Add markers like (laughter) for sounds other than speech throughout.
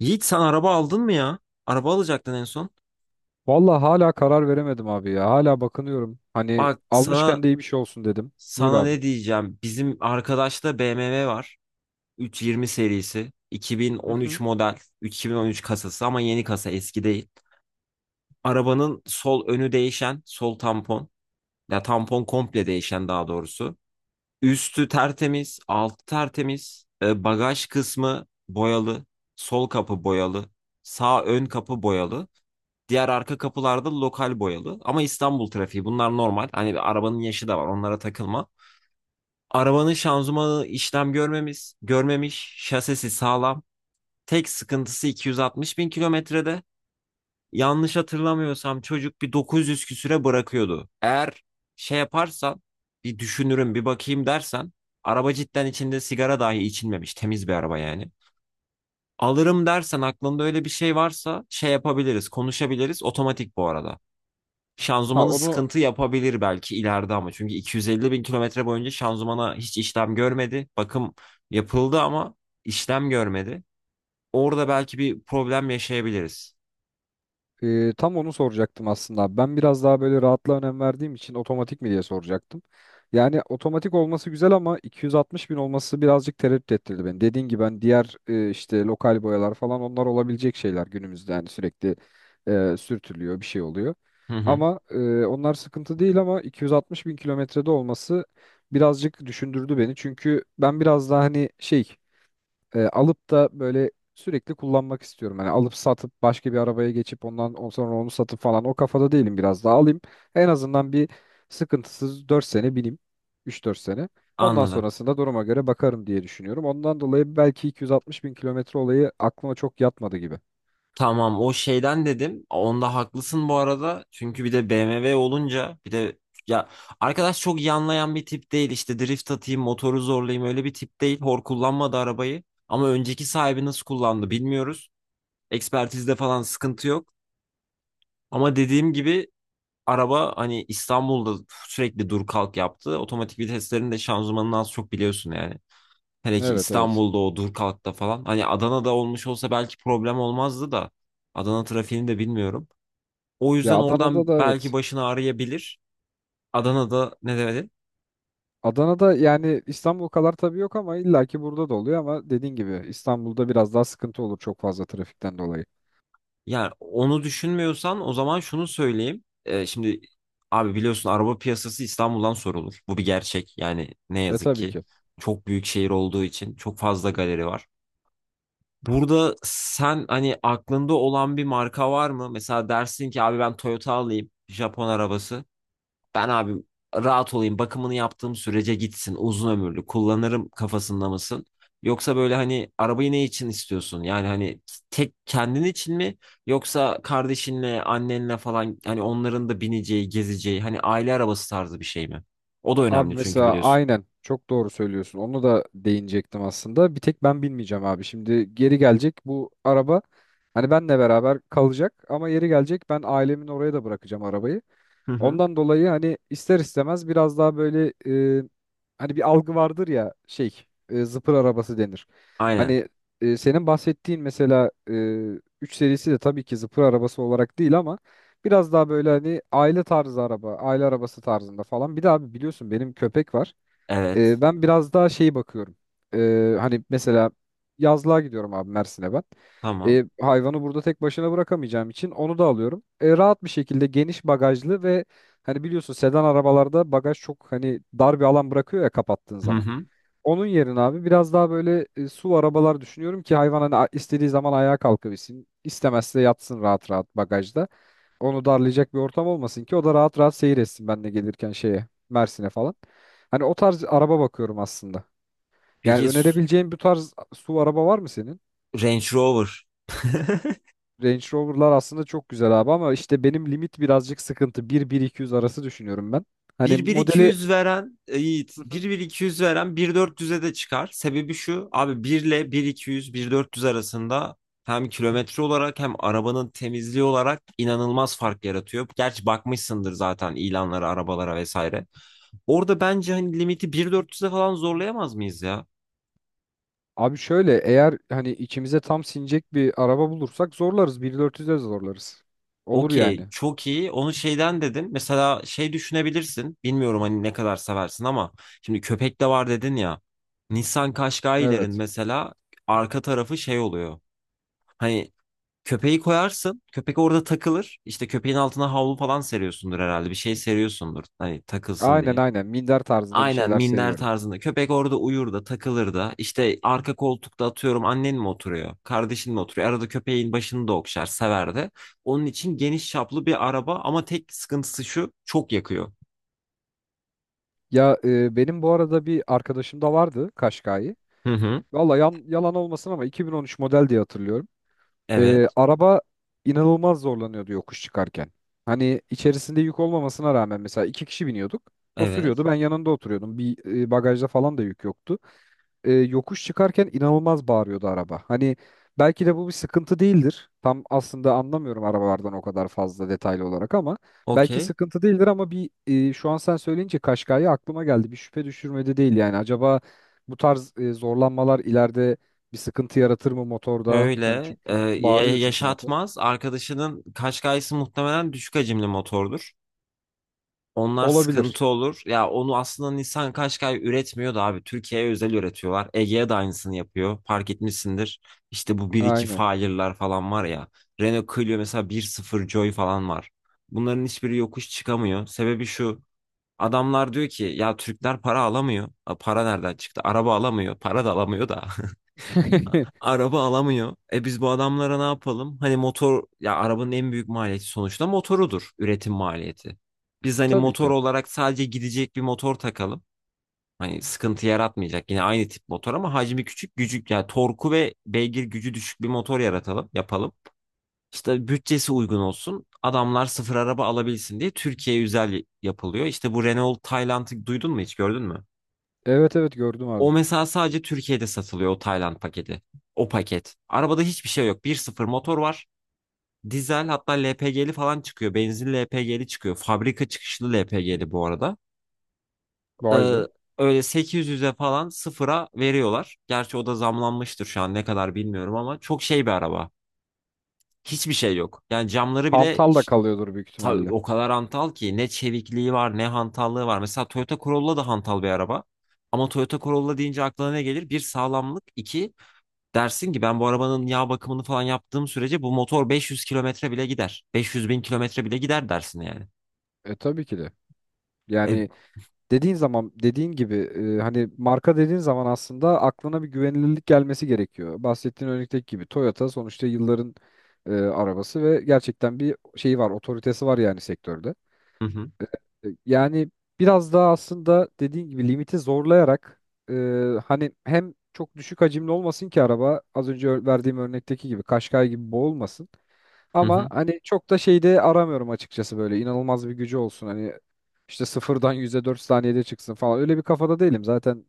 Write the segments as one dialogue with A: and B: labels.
A: Yiğit, sen araba aldın mı ya? Araba alacaktın en son.
B: Vallahi hala karar veremedim abi ya. Hala bakınıyorum. Hani
A: Bak sana
B: almışken de iyi bir şey olsun dedim. Buyur
A: sana
B: abi.
A: ne diyeceğim. Bizim arkadaşta BMW var. 320 serisi.
B: Hı
A: 2013
B: hı.
A: model. 2013 kasası ama yeni kasa, eski değil. Arabanın sol önü değişen. Sol tampon. Ya tampon komple değişen daha doğrusu. Üstü tertemiz. Altı tertemiz. Bagaj kısmı boyalı. Sol kapı boyalı. Sağ ön kapı boyalı. Diğer arka kapılarda lokal boyalı. Ama İstanbul trafiği, bunlar normal. Hani arabanın yaşı da var, onlara takılma. Arabanın şanzımanı işlem görmemiş, şasisi sağlam. Tek sıkıntısı 260 bin kilometrede. Yanlış hatırlamıyorsam çocuk bir 900 küsüre bırakıyordu. Eğer şey yaparsan, bir düşünürüm bir bakayım dersen, araba cidden içinde sigara dahi içilmemiş temiz bir araba yani. Alırım dersen, aklında öyle bir şey varsa, şey yapabiliriz, konuşabiliriz. Otomatik bu arada.
B: Ha
A: Şanzımanı
B: onu.
A: sıkıntı yapabilir belki ileride ama. Çünkü 250 bin kilometre boyunca şanzımana hiç işlem görmedi. Bakım yapıldı ama işlem görmedi. Orada belki bir problem yaşayabiliriz.
B: Tam onu soracaktım aslında, abi. Ben biraz daha böyle rahatlığa önem verdiğim için otomatik mi diye soracaktım. Yani otomatik olması güzel ama 260 bin olması birazcık tereddüt ettirdi beni. Dediğin gibi ben diğer işte lokal boyalar falan, onlar olabilecek şeyler günümüzde yani, sürekli sürtülüyor, bir şey oluyor.
A: Hı hı,
B: Ama onlar sıkıntı değil ama 260 bin kilometrede olması birazcık düşündürdü beni. Çünkü ben biraz daha hani alıp da böyle sürekli kullanmak istiyorum. Hani alıp satıp başka bir arabaya geçip ondan sonra onu satıp falan o kafada değilim, biraz daha alayım. En azından bir sıkıntısız 4 sene bineyim. Üç dört sene. Ondan
A: anladım.
B: sonrasında duruma göre bakarım diye düşünüyorum. Ondan dolayı belki 260 bin kilometre olayı aklıma çok yatmadı gibi.
A: Tamam, o şeyden dedim. Onda haklısın bu arada. Çünkü bir de BMW olunca, bir de ya, arkadaş çok yanlayan bir tip değil. İşte drift atayım, motoru zorlayayım, öyle bir tip değil. Hor kullanmadı arabayı. Ama önceki sahibi nasıl kullandı bilmiyoruz. Ekspertizde falan sıkıntı yok. Ama dediğim gibi, araba hani İstanbul'da sürekli dur kalk yaptı. Otomatik viteslerin de şanzımanını az çok biliyorsun yani. Hele ki
B: Evet, evet.
A: İstanbul'da o dur kalkta falan. Hani Adana'da olmuş olsa belki problem olmazdı da. Adana trafiğini de bilmiyorum. O
B: Ya
A: yüzden
B: Adana'da
A: oradan
B: da
A: belki
B: evet.
A: başını ağrıyabilir. Adana'da ne demedi?
B: Adana'da yani İstanbul kadar tabii yok ama illaki burada da oluyor, ama dediğin gibi İstanbul'da biraz daha sıkıntı olur çok fazla trafikten dolayı.
A: Yani onu düşünmüyorsan o zaman şunu söyleyeyim. Şimdi abi biliyorsun, araba piyasası İstanbul'dan sorulur. Bu bir gerçek. Yani ne yazık
B: Tabii
A: ki
B: ki.
A: çok büyük şehir olduğu için çok fazla galeri var. Burada sen hani aklında olan bir marka var mı? Mesela dersin ki, abi ben Toyota alayım, Japon arabası. Ben abi rahat olayım, bakımını yaptığım sürece gitsin, uzun ömürlü kullanırım kafasında mısın? Yoksa böyle hani arabayı ne için istiyorsun? Yani hani tek kendin için mi? Yoksa kardeşinle, annenle falan, hani onların da bineceği, gezeceği, hani aile arabası tarzı bir şey mi? O da
B: Abi
A: önemli çünkü
B: mesela
A: biliyorsun.
B: aynen çok doğru söylüyorsun. Onu da değinecektim aslında. Bir tek ben bilmeyeceğim abi. Şimdi geri gelecek bu araba. Hani benle beraber kalacak ama yeri gelecek ben ailemin oraya da bırakacağım arabayı.
A: Hı hı.
B: Ondan dolayı hani ister istemez biraz daha böyle e, hani bir algı vardır ya, zıpır arabası denir.
A: Aynen.
B: Hani senin bahsettiğin mesela 3 serisi de tabii ki zıpır arabası olarak değil ama biraz daha böyle hani aile tarzı araba, aile arabası tarzında falan. Bir de abi biliyorsun benim köpek var.
A: Evet.
B: Ben biraz daha şeyi bakıyorum. Hani mesela yazlığa gidiyorum abi Mersin'e ben.
A: Tamam.
B: Hayvanı burada tek başına bırakamayacağım için onu da alıyorum. Rahat bir şekilde geniş bagajlı ve hani biliyorsun sedan arabalarda bagaj çok hani dar bir alan bırakıyor ya kapattığın
A: Hı
B: zaman.
A: hı.
B: Onun yerine abi biraz daha böyle SUV arabalar düşünüyorum ki hayvan hani istediği zaman ayağa kalkabilsin. İstemezse yatsın rahat rahat bagajda, onu darlayacak bir ortam olmasın ki o da rahat rahat seyir etsin, ben de gelirken şeye, Mersin'e falan. Hani o tarz araba bakıyorum aslında. Yani
A: Peki.
B: önerebileceğin bu tarz SUV araba var mı senin?
A: Range Rover.
B: Range Rover'lar aslında çok güzel abi ama işte benim limit birazcık sıkıntı. 1 iki yüz arası düşünüyorum ben. Hani
A: 1 iki
B: modeli.
A: yüz veren Yiğit
B: Hı hı.
A: 1-1-200 veren bir bin dört yüz'e de çıkar. Sebebi şu abi, bir ile 1-200 dört yüz arasında hem kilometre olarak hem arabanın temizliği olarak inanılmaz fark yaratıyor. Gerçi bakmışsındır zaten ilanlara, arabalara vesaire. Orada bence hani limiti bir bin dört yüz'e falan zorlayamaz mıyız ya?
B: Abi şöyle, eğer hani içimize tam sinecek bir araba bulursak zorlarız. 1.400'e zorlarız. Olur
A: Okey,
B: yani.
A: çok iyi. Onu şeyden dedim. Mesela şey düşünebilirsin. Bilmiyorum hani ne kadar seversin ama şimdi köpek de var dedin ya. Nissan Qashqai'lerin
B: Evet.
A: mesela arka tarafı şey oluyor. Hani köpeği koyarsın, köpek orada takılır. İşte köpeğin altına havlu falan seriyorsundur herhalde. Bir şey seriyorsundur. Hani takılsın
B: Aynen,
A: diye.
B: aynen. Minder tarzında bir
A: Aynen
B: şeyler
A: minder
B: seviyorum.
A: tarzında. Köpek orada uyur da, takılır da. İşte arka koltukta, atıyorum, annen mi oturuyor? Kardeşin mi oturuyor? Arada köpeğin başını da okşar, sever de. Onun için geniş çaplı bir araba, ama tek sıkıntısı şu: çok yakıyor.
B: Ya benim bu arada bir arkadaşım da vardı Kaşkay'ı.
A: Hı hı.
B: Valla yalan olmasın ama 2013 model diye hatırlıyorum.
A: Evet.
B: Araba inanılmaz zorlanıyordu yokuş çıkarken. Hani içerisinde yük olmamasına rağmen mesela iki kişi biniyorduk. O
A: Evet.
B: sürüyordu, ben yanında oturuyordum. Bir bagajda falan da yük yoktu, yokuş çıkarken inanılmaz bağırıyordu araba. Hani belki de bu bir sıkıntı değildir. Tam aslında anlamıyorum arabalardan o kadar fazla detaylı olarak ama belki
A: Okey.
B: sıkıntı değildir ama şu an sen söyleyince Kaşkay'ı aklıma geldi. Bir şüphe düşürmedi değil yani. Acaba bu tarz zorlanmalar ileride bir sıkıntı yaratır mı motorda?
A: Böyle
B: Hani çünkü bağırıyor çünkü motor.
A: yaşatmaz. Arkadaşının Qashqai'si muhtemelen düşük hacimli motordur. Onlar
B: Olabilir.
A: sıkıntı olur. Ya onu aslında Nissan Qashqai üretmiyor da abi. Türkiye'ye özel üretiyorlar. Ege'ye de aynısını yapıyor. Fark etmişsindir. İşte bu bir iki
B: Aynen.
A: Fire'lar falan var ya. Renault Clio mesela bir sıfır Joy falan var. Bunların hiçbiri yokuş çıkamıyor. Sebebi şu. Adamlar diyor ki, ya Türkler para alamıyor. Para nereden çıktı? Araba alamıyor. Para da alamıyor da. (laughs)
B: (laughs)
A: Araba alamıyor. Biz bu adamlara ne yapalım? Hani motor, ya arabanın en büyük maliyeti sonuçta motorudur. Üretim maliyeti. Biz hani
B: Tabii
A: motor
B: ki.
A: olarak sadece gidecek bir motor takalım. Hani sıkıntı yaratmayacak. Yine aynı tip motor ama hacmi küçük, gücük, yani torku ve beygir gücü düşük bir motor yaratalım, yapalım. İşte bütçesi uygun olsun. Adamlar sıfır araba alabilsin diye Türkiye özel yapılıyor. İşte bu Renault Tayland'ı duydun mu, hiç gördün mü?
B: Evet, evet gördüm abi.
A: O mesela sadece Türkiye'de satılıyor, o Tayland paketi. O paket. Arabada hiçbir şey yok. Bir sıfır motor var. Dizel, hatta LPG'li falan çıkıyor. Benzinli LPG'li çıkıyor. Fabrika çıkışlı LPG'li bu arada.
B: Vay
A: Ee,
B: be.
A: öyle 800'e falan sıfıra veriyorlar. Gerçi o da zamlanmıştır şu an, ne kadar bilmiyorum ama çok şey bir araba. Hiçbir şey yok. Yani camları bile
B: Hantal da kalıyordur büyük ihtimalle.
A: o kadar hantal ki, ne çevikliği var ne hantallığı var. Mesela Toyota Corolla da hantal bir araba. Ama Toyota Corolla deyince aklına ne gelir? Bir sağlamlık, iki, dersin ki ben bu arabanın yağ bakımını falan yaptığım sürece bu motor 500 kilometre bile gider. 500 bin kilometre bile gider dersin yani.
B: Tabii ki de.
A: E,
B: Yani dediğin zaman, dediğin gibi hani marka dediğin zaman aslında aklına bir güvenilirlik gelmesi gerekiyor. Bahsettiğin örnekteki gibi Toyota sonuçta yılların arabası ve gerçekten bir şeyi var, otoritesi var yani sektörde.
A: hı hı,
B: Yani biraz daha aslında dediğin gibi limiti zorlayarak e, hani hem çok düşük hacimli olmasın ki araba az önce verdiğim örnekteki gibi Kaşkay gibi boğulmasın.
A: hı
B: Ama
A: hı.
B: hani çok da şeyde aramıyorum açıkçası, böyle inanılmaz bir gücü olsun hani işte sıfırdan yüzde dört saniyede çıksın falan, öyle bir kafada değilim zaten.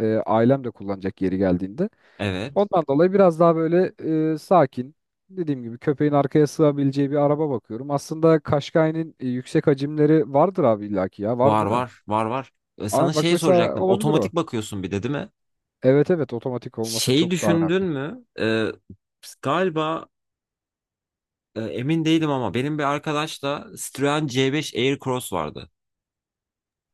B: Ailem de kullanacak yeri geldiğinde.
A: Evet.
B: Ondan dolayı biraz daha böyle sakin, dediğim gibi köpeğin arkaya sığabileceği bir araba bakıyorum. Aslında Kaşkay'ın yüksek hacimleri vardır abi, illaki ya var
A: Var
B: değil mi?
A: var var var. Sana
B: Aa, bak
A: şeyi
B: mesela
A: soracaktım.
B: olabilir o.
A: Otomatik bakıyorsun bir de değil mi?
B: Evet, evet otomatik olması
A: Şeyi
B: çok daha
A: düşündün
B: önemli.
A: mü? Galiba, emin değilim ama benim bir arkadaşla Citroen C5 Aircross vardı.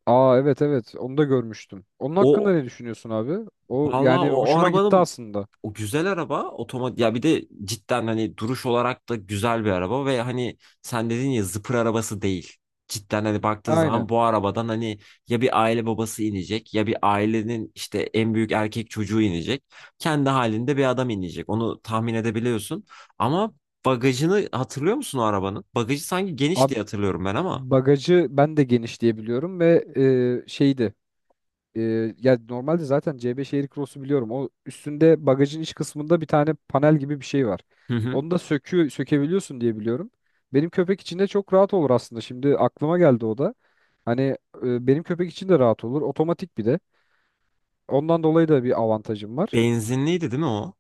B: Aa, evet, evet onu da görmüştüm. Onun hakkında
A: O,
B: ne düşünüyorsun abi? O
A: vallahi
B: yani
A: o
B: hoşuma gitti
A: arabanın.
B: aslında.
A: O güzel araba otomatik ya, bir de cidden hani duruş olarak da güzel bir araba ve hani sen dedin ya, zıpır arabası değil. Cidden hani baktığın zaman
B: Aynen.
A: bu arabadan hani ya bir aile babası inecek, ya bir ailenin işte en büyük erkek çocuğu inecek. Kendi halinde bir adam inecek. Onu tahmin edebiliyorsun. Ama bagajını hatırlıyor musun o arabanın? Bagajı sanki geniş
B: Abi
A: diye hatırlıyorum ben ama.
B: bagajı ben de geniş diye biliyorum ve şeydi. E, ya normalde zaten C5 Aircross'u biliyorum. O üstünde bagajın iç kısmında bir tane panel gibi bir şey var.
A: Hı hı.
B: Onu da sökebiliyorsun diye biliyorum. Benim köpek için de çok rahat olur aslında. Şimdi aklıma geldi o da. Hani benim köpek için de rahat olur. Otomatik bir de. Ondan dolayı da bir avantajım var.
A: Benzinliydi değil mi o?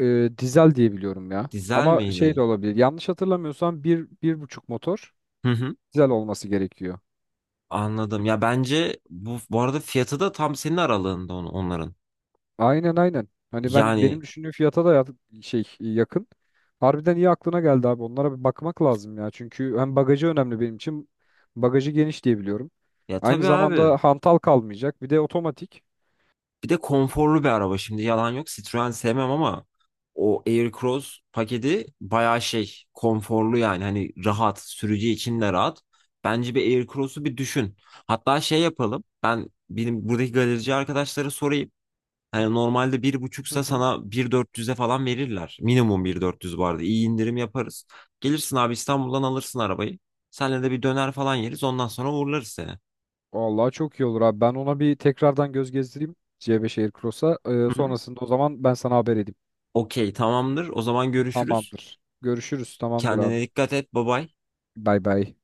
B: Dizel diye biliyorum ya.
A: Dizel
B: Ama şey de
A: miydi?
B: olabilir. Yanlış hatırlamıyorsam bir buçuk motor
A: Hı hı.
B: dizel olması gerekiyor.
A: Anladım. Ya bence bu arada fiyatı da tam senin aralığında onların.
B: Aynen, aynen. Hani ben benim
A: Yani
B: düşündüğüm fiyata da yakın. Harbiden iyi aklına geldi abi. Onlara bir bakmak lazım ya. Çünkü hem bagajı önemli benim için. Bagajı geniş diye biliyorum.
A: ya
B: Aynı
A: tabii abi.
B: zamanda hantal kalmayacak. Bir de otomatik.
A: Bir de konforlu bir araba, şimdi yalan yok. Citroen sevmem ama o Aircross paketi bayağı şey, konforlu yani, hani rahat, sürücü için de rahat. Bence bir Aircross'u bir düşün. Hatta şey yapalım. Ben benim buradaki galerici arkadaşlara sorayım. Yani normalde
B: Hı
A: 1.5'sa
B: hı.
A: sana bir dört yüz'e falan verirler. Minimum 1.400 bu arada. İyi indirim yaparız. Gelirsin abi, İstanbul'dan alırsın arabayı. Senle de bir döner falan yeriz. Ondan sonra uğurlarız seni.
B: Vallahi çok iyi olur abi. Ben ona bir tekrardan göz gezdireyim C5 Aircross'a.
A: Hı hı.
B: Sonrasında o zaman ben sana haber edeyim.
A: Okey, tamamdır. O zaman görüşürüz.
B: Tamamdır. Görüşürüz. Tamamdır abi.
A: Kendine dikkat et. Bye bye.
B: Bay bay.